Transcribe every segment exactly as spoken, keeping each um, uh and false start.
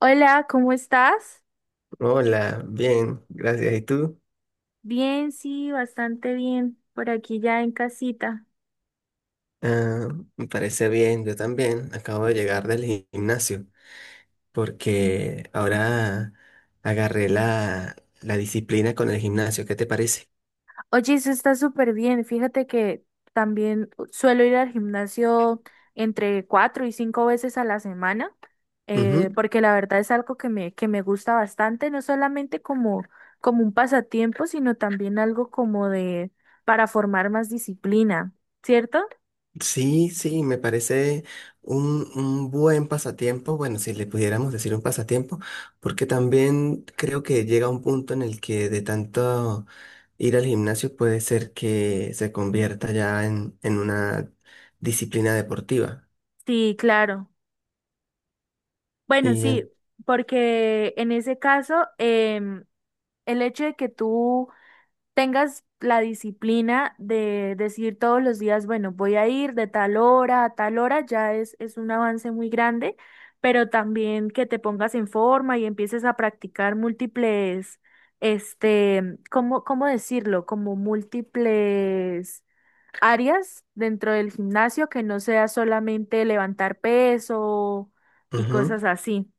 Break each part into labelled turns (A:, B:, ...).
A: Hola, ¿cómo estás?
B: Hola, bien, gracias. ¿Y tú?
A: Bien, sí, bastante bien, por aquí ya en casita.
B: Ah, me parece bien, yo también. Acabo de llegar del gi- gimnasio porque ahora agarré la, la disciplina con el gimnasio. ¿Qué te parece?
A: Oye, eso está súper bien. Fíjate que también suelo ir al gimnasio entre cuatro y cinco veces a la semana, eh,
B: Ujú.
A: porque la verdad es algo que me, que me gusta bastante, no solamente como, como un pasatiempo, sino también algo como de para formar más disciplina, ¿cierto?
B: Sí, sí, me parece un, un buen pasatiempo. Bueno, si le pudiéramos decir un pasatiempo, porque también creo que llega un punto en el que de tanto ir al gimnasio puede ser que se convierta ya en, en una disciplina deportiva.
A: Sí, claro. Bueno,
B: Y
A: sí,
B: en-
A: porque en ese caso, em, el hecho de que tú tengas la disciplina de decir todos los días, bueno, voy a ir de tal hora a tal hora, ya es, es un avance muy grande, pero también que te pongas en forma y empieces a practicar múltiples, este, ¿cómo, cómo decirlo? Como múltiples áreas dentro del gimnasio, que no sea solamente levantar peso y
B: ujú.
A: cosas así.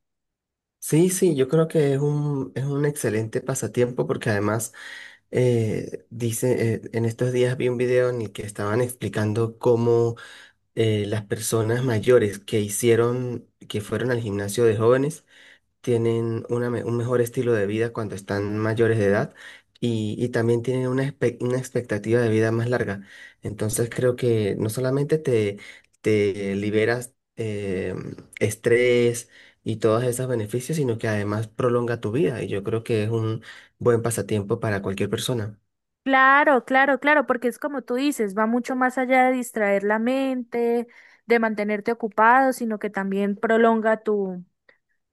B: Sí, sí, yo creo que es un, es un excelente pasatiempo porque además eh, dice, eh, en estos días vi un video en el que estaban explicando cómo eh, las personas mayores que hicieron, que fueron al gimnasio de jóvenes, tienen una me- un mejor estilo de vida cuando están mayores de edad y, y también tienen una, espe- una expectativa de vida más larga. Entonces creo que no solamente te, te liberas eh, estrés y todos esos beneficios, sino que además prolonga tu vida y yo creo que es un buen pasatiempo para cualquier persona.
A: Claro, claro, claro, porque es como tú dices, va mucho más allá de distraer la mente, de mantenerte ocupado, sino que también prolonga tu,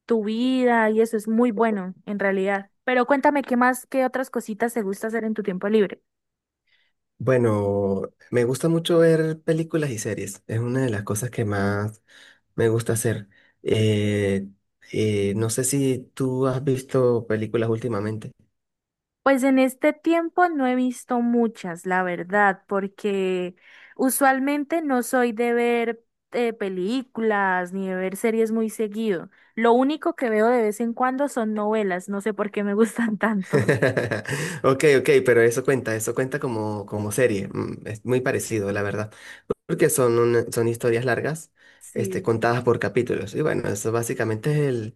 A: tu vida y eso es muy bueno en realidad. Pero cuéntame qué más, qué otras cositas te gusta hacer en tu tiempo libre.
B: Bueno, me gusta mucho ver películas y series. Es una de las cosas que más me gusta hacer. Eh, eh, no sé si tú has visto películas últimamente.
A: Pues en este tiempo no he visto muchas, la verdad, porque usualmente no soy de ver eh, películas ni de ver series muy seguido. Lo único que veo de vez en cuando son novelas, no sé por qué me gustan tanto.
B: Ok, ok, pero eso cuenta, eso cuenta como, como serie. mm, Es muy parecido, la verdad. Porque son, una- son historias largas, este,
A: Sí.
B: contadas por capítulos. Y bueno, eso básicamente es el,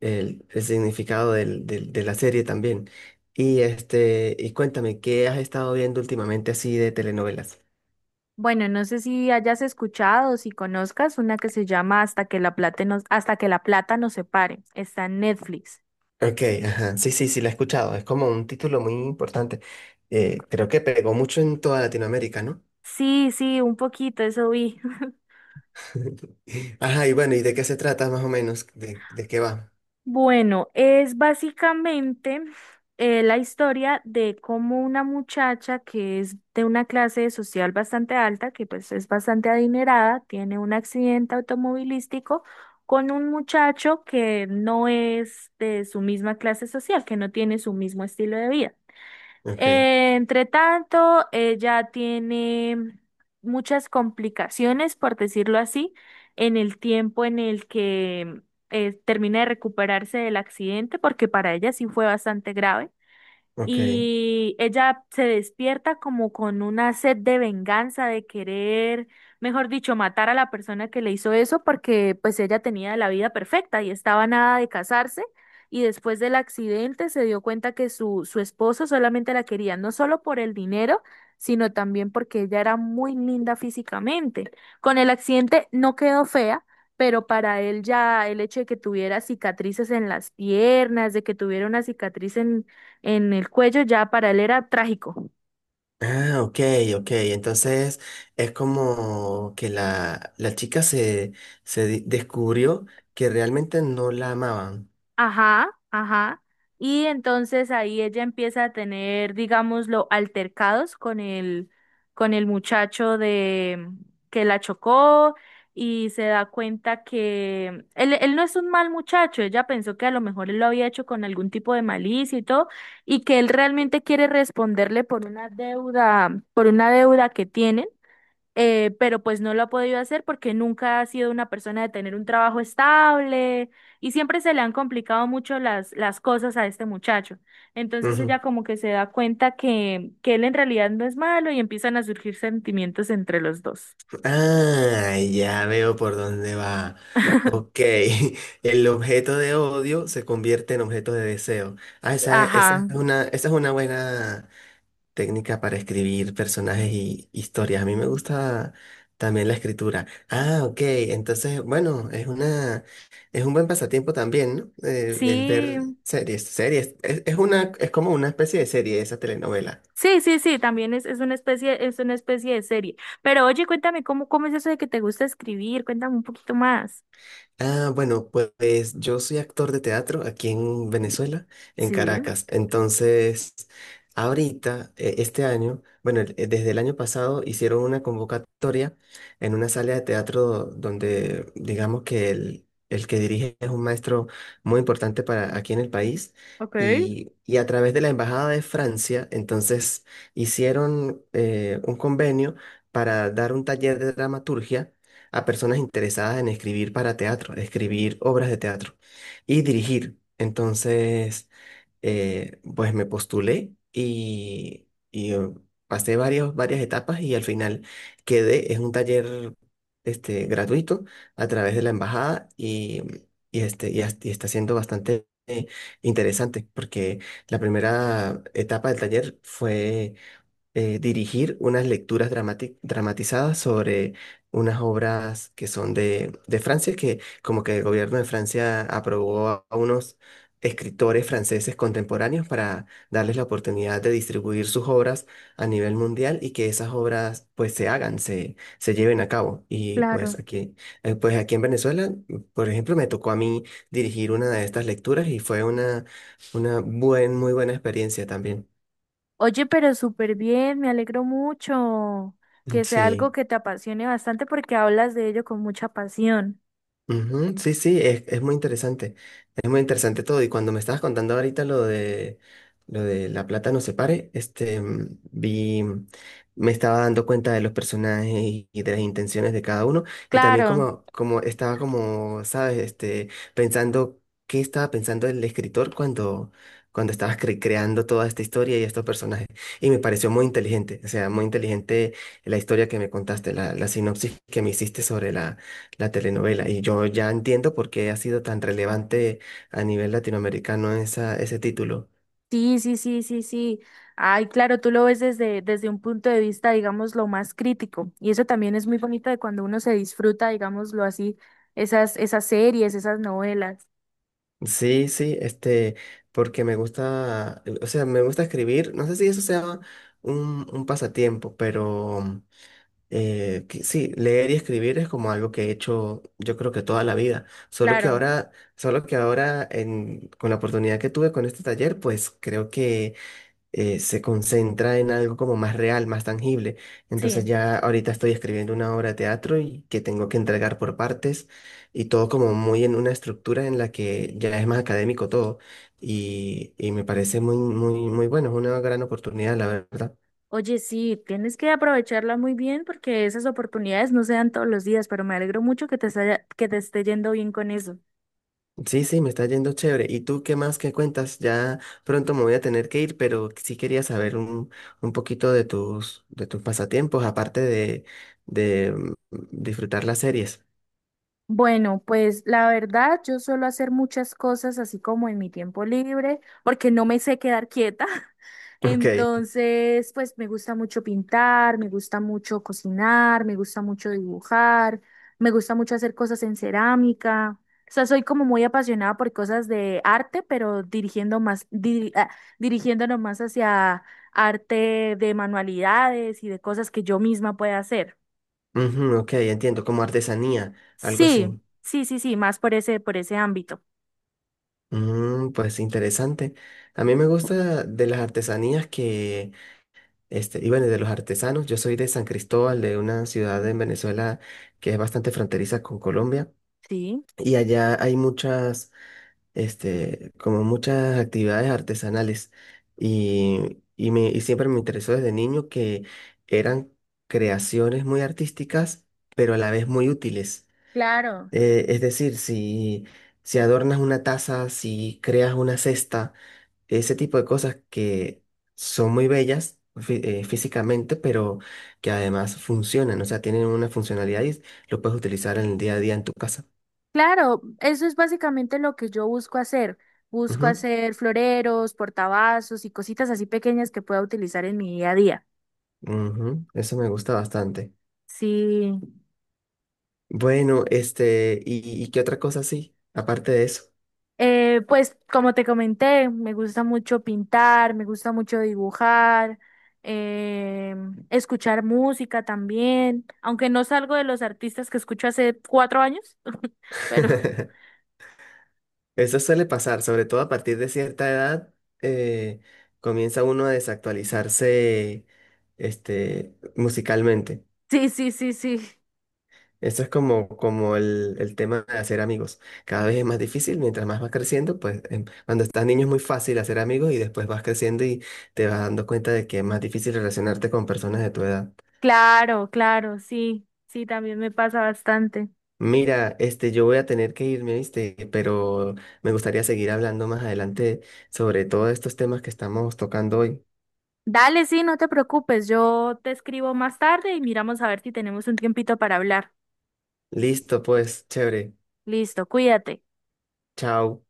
B: el, el significado del, del- de la serie también. Y, este, y cuéntame, ¿qué has estado viendo últimamente así de telenovelas?
A: Bueno, no sé si hayas escuchado, o si conozcas una que se llama Hasta que la plata nos, Hasta que la plata nos separe. Está en Netflix.
B: Ok, ajá. Sí, sí, sí, la he escuchado. Es como un título muy importante. Eh, creo que pegó mucho en toda Latinoamérica, ¿no?
A: Sí, sí, un poquito, eso vi.
B: Ajá, y bueno, ¿y de qué se trata más o menos? ¿De, de qué va?
A: Bueno, es básicamente eh, la historia de cómo una muchacha que es de una clase social bastante alta, que pues es bastante adinerada, tiene un accidente automovilístico con un muchacho que no es de su misma clase social, que no tiene su mismo estilo de vida.
B: Ok,
A: Eh, entre tanto, ella tiene muchas complicaciones, por decirlo así, en el tiempo en el que eh, termina de recuperarse del accidente, porque para ella sí fue bastante grave
B: ok.
A: y ella se despierta como con una sed de venganza, de querer, mejor dicho, matar a la persona que le hizo eso porque pues ella tenía la vida perfecta y estaba a nada de casarse y después del accidente se dio cuenta que su, su esposo solamente la quería no solo por el dinero, sino también porque ella era muy linda físicamente. Con el accidente no quedó fea. Pero para él ya el hecho de que tuviera cicatrices en las piernas, de que tuviera una cicatriz en, en el cuello, ya para él era trágico.
B: Ah, ok, ok. Entonces es como que la, la chica se, se di- descubrió que realmente no la amaban.
A: Ajá, ajá. Y entonces ahí ella empieza a tener, digámoslo, altercados con el, con el muchacho de que la chocó y se da cuenta que él, él no es un mal muchacho, ella pensó que a lo mejor él lo había hecho con algún tipo de malicia y todo, y que él realmente quiere responderle por una deuda, por una deuda que tienen eh, pero pues no lo ha podido hacer porque nunca ha sido una persona de tener un trabajo estable y siempre se le han complicado mucho las, las cosas a este muchacho. Entonces ella como que se da cuenta que, que él en realidad no es malo y empiezan a surgir sentimientos entre los dos.
B: Ah, ya veo por dónde va. Ok, el objeto de odio se convierte en objeto de deseo. Ah, esa, esa es
A: Ajá,
B: una, esa es una buena técnica para escribir personajes y historias. A mí me gusta también la escritura. Ah, ok, entonces, bueno, es una, es un buen pasatiempo también, ¿no? Eh, el
A: sí.
B: ver series, series. Es, es una, es como una especie de serie esa telenovela.
A: Sí, sí, sí, también es, es una especie, es una especie de serie. Pero oye, cuéntame cómo, cómo es eso de que te gusta escribir, cuéntame un poquito más.
B: Ah, bueno, pues yo soy actor de teatro aquí en Venezuela, en
A: Sí,
B: Caracas. Entonces, ahorita, eh, este año, bueno, el- eh, desde el año pasado hicieron una convocatoria en una sala de teatro donde, digamos que el, el que dirige es un maestro muy importante para aquí en el país.
A: ok,
B: Y, y a través de la Embajada de Francia, entonces hicieron eh, un convenio para dar un taller de dramaturgia a personas interesadas en escribir para teatro, escribir obras de teatro y dirigir. Entonces, eh, pues me postulé y, y, eh, pasé varios, varias etapas y al final quedé, es un taller este, gratuito a través de la embajada y, y, este, y, as- y está siendo bastante... eh, interesante porque la primera etapa del taller fue eh, dirigir unas lecturas dramati- dramatizadas sobre unas obras que son de, de Francia, que como que el gobierno de Francia aprobó a a unos escritores franceses contemporáneos para darles la oportunidad de distribuir sus obras a nivel mundial y que esas obras pues se hagan, se, se lleven a cabo. Y pues
A: claro.
B: aquí, eh, pues aquí en Venezuela, por ejemplo, me tocó a mí dirigir una de estas lecturas y fue una, una buen, muy buena experiencia también.
A: Oye, pero súper bien, me alegro mucho que sea algo
B: Sí.
A: que te apasione bastante porque hablas de ello con mucha pasión.
B: Ujú, sí, sí, es, es muy interesante. Es muy interesante todo. Y cuando me estabas contando ahorita lo de lo de La plata no se pare, este mm, vi, mm, me estaba dando cuenta de los personajes y y de las intenciones de cada uno. Y también
A: Claro,
B: como, como estaba como, sabes, este, pensando qué estaba pensando el escritor cuando, cuando estaba cre- creando toda esta historia y estos personajes. Y me pareció muy inteligente. O sea, muy inteligente la historia que me contaste, la, la sinopsis que me hiciste sobre la la telenovela. Y yo ya entiendo por qué ha sido tan relevante a nivel latinoamericano esa, ese título.
A: sí, sí, sí, sí, sí. Ay, claro, tú lo ves desde, desde un punto de vista, digamos, lo más crítico. Y eso también es muy bonito de cuando uno se disfruta, digámoslo así, esas, esas series, esas novelas.
B: Sí, sí, este, porque me gusta, o sea, me gusta escribir. No sé si eso sea un, un pasatiempo, pero eh, que sí, leer y escribir es como algo que he hecho, yo creo que toda la vida. Solo que
A: Claro,
B: ahora, solo que ahora en, con la oportunidad que tuve con este taller, pues creo que eh, se concentra en algo como más real, más tangible. Entonces
A: sí.
B: ya ahorita estoy escribiendo una obra de teatro y que tengo que entregar por partes y todo como muy en una estructura en la que ya es más académico todo y, y me parece muy, muy, muy bueno, es una gran oportunidad, la verdad.
A: Oye, sí, tienes que aprovecharla muy bien porque esas oportunidades no se dan todos los días, pero me alegro mucho que te, haya- que te esté yendo bien con eso.
B: Sí, sí, me está yendo chévere. ¿Y tú qué más que cuentas? Ya pronto me voy a tener que ir, pero sí quería saber un, un poquito de tus, de tus pasatiempos, aparte de, de mm, disfrutar las series.
A: Bueno, pues la verdad, yo suelo hacer muchas cosas así como en mi tiempo libre, porque no me sé quedar quieta.
B: Ok.
A: Entonces, pues me gusta mucho pintar, me gusta mucho cocinar, me gusta mucho dibujar, me gusta mucho hacer cosas en cerámica. O sea, soy como muy apasionada por cosas de arte, pero dirigiendo más, diri- ah, dirigiéndonos más hacia arte de manualidades y de cosas que yo misma pueda hacer.
B: Ujú, ok, entiendo, como artesanía, algo
A: Sí,
B: así.
A: sí, sí, sí, más por ese, por ese ámbito.
B: Mm, pues interesante. A mí me gusta de las artesanías que, este, y bueno, de los artesanos. Yo soy de San Cristóbal, de una ciudad en Venezuela que es bastante fronteriza con Colombia.
A: Sí.
B: Y allá hay muchas, este, como muchas actividades artesanales. Y, y me, y siempre me interesó desde niño que eran creaciones muy artísticas, pero a la vez muy útiles.
A: Claro,
B: Eh, es decir, si, si adornas una taza, si creas una cesta, ese tipo de cosas que son muy bellas fí- eh, físicamente, pero que además funcionan, o sea, tienen una funcionalidad y lo puedes utilizar en el día a día en tu casa.
A: claro, eso es básicamente lo que yo busco hacer. Busco
B: Ujú,
A: hacer floreros, portavasos y cositas así pequeñas que pueda utilizar en mi día a día.
B: ujú, eso me gusta bastante.
A: Sí,
B: Bueno, este, ¿y, y qué otra cosa sí? Aparte de eso.
A: eh, pues como te comenté, me gusta mucho pintar, me gusta mucho dibujar, eh, escuchar música también, aunque no salgo de los artistas que escucho hace cuatro años, pero
B: Eso suele pasar, sobre todo a partir de cierta edad, eh, comienza uno a desactualizarse, este, musicalmente.
A: sí, sí, sí, sí,
B: Esto es como, como el, el tema de hacer amigos. Cada vez es más difícil, mientras más vas creciendo, pues em, cuando estás niño es muy fácil hacer amigos y después vas creciendo y te vas dando cuenta de que es más difícil relacionarte con personas de tu edad.
A: claro, claro, sí, sí, también me pasa bastante.
B: Mira, este, yo voy a tener que irme, ¿viste? Pero me gustaría seguir hablando más adelante sobre todos estos temas que estamos tocando hoy.
A: Dale, sí, no te preocupes, yo te escribo más tarde y miramos a ver si tenemos un tiempito para hablar.
B: Listo, pues, chévere.
A: Listo, cuídate.
B: Chao.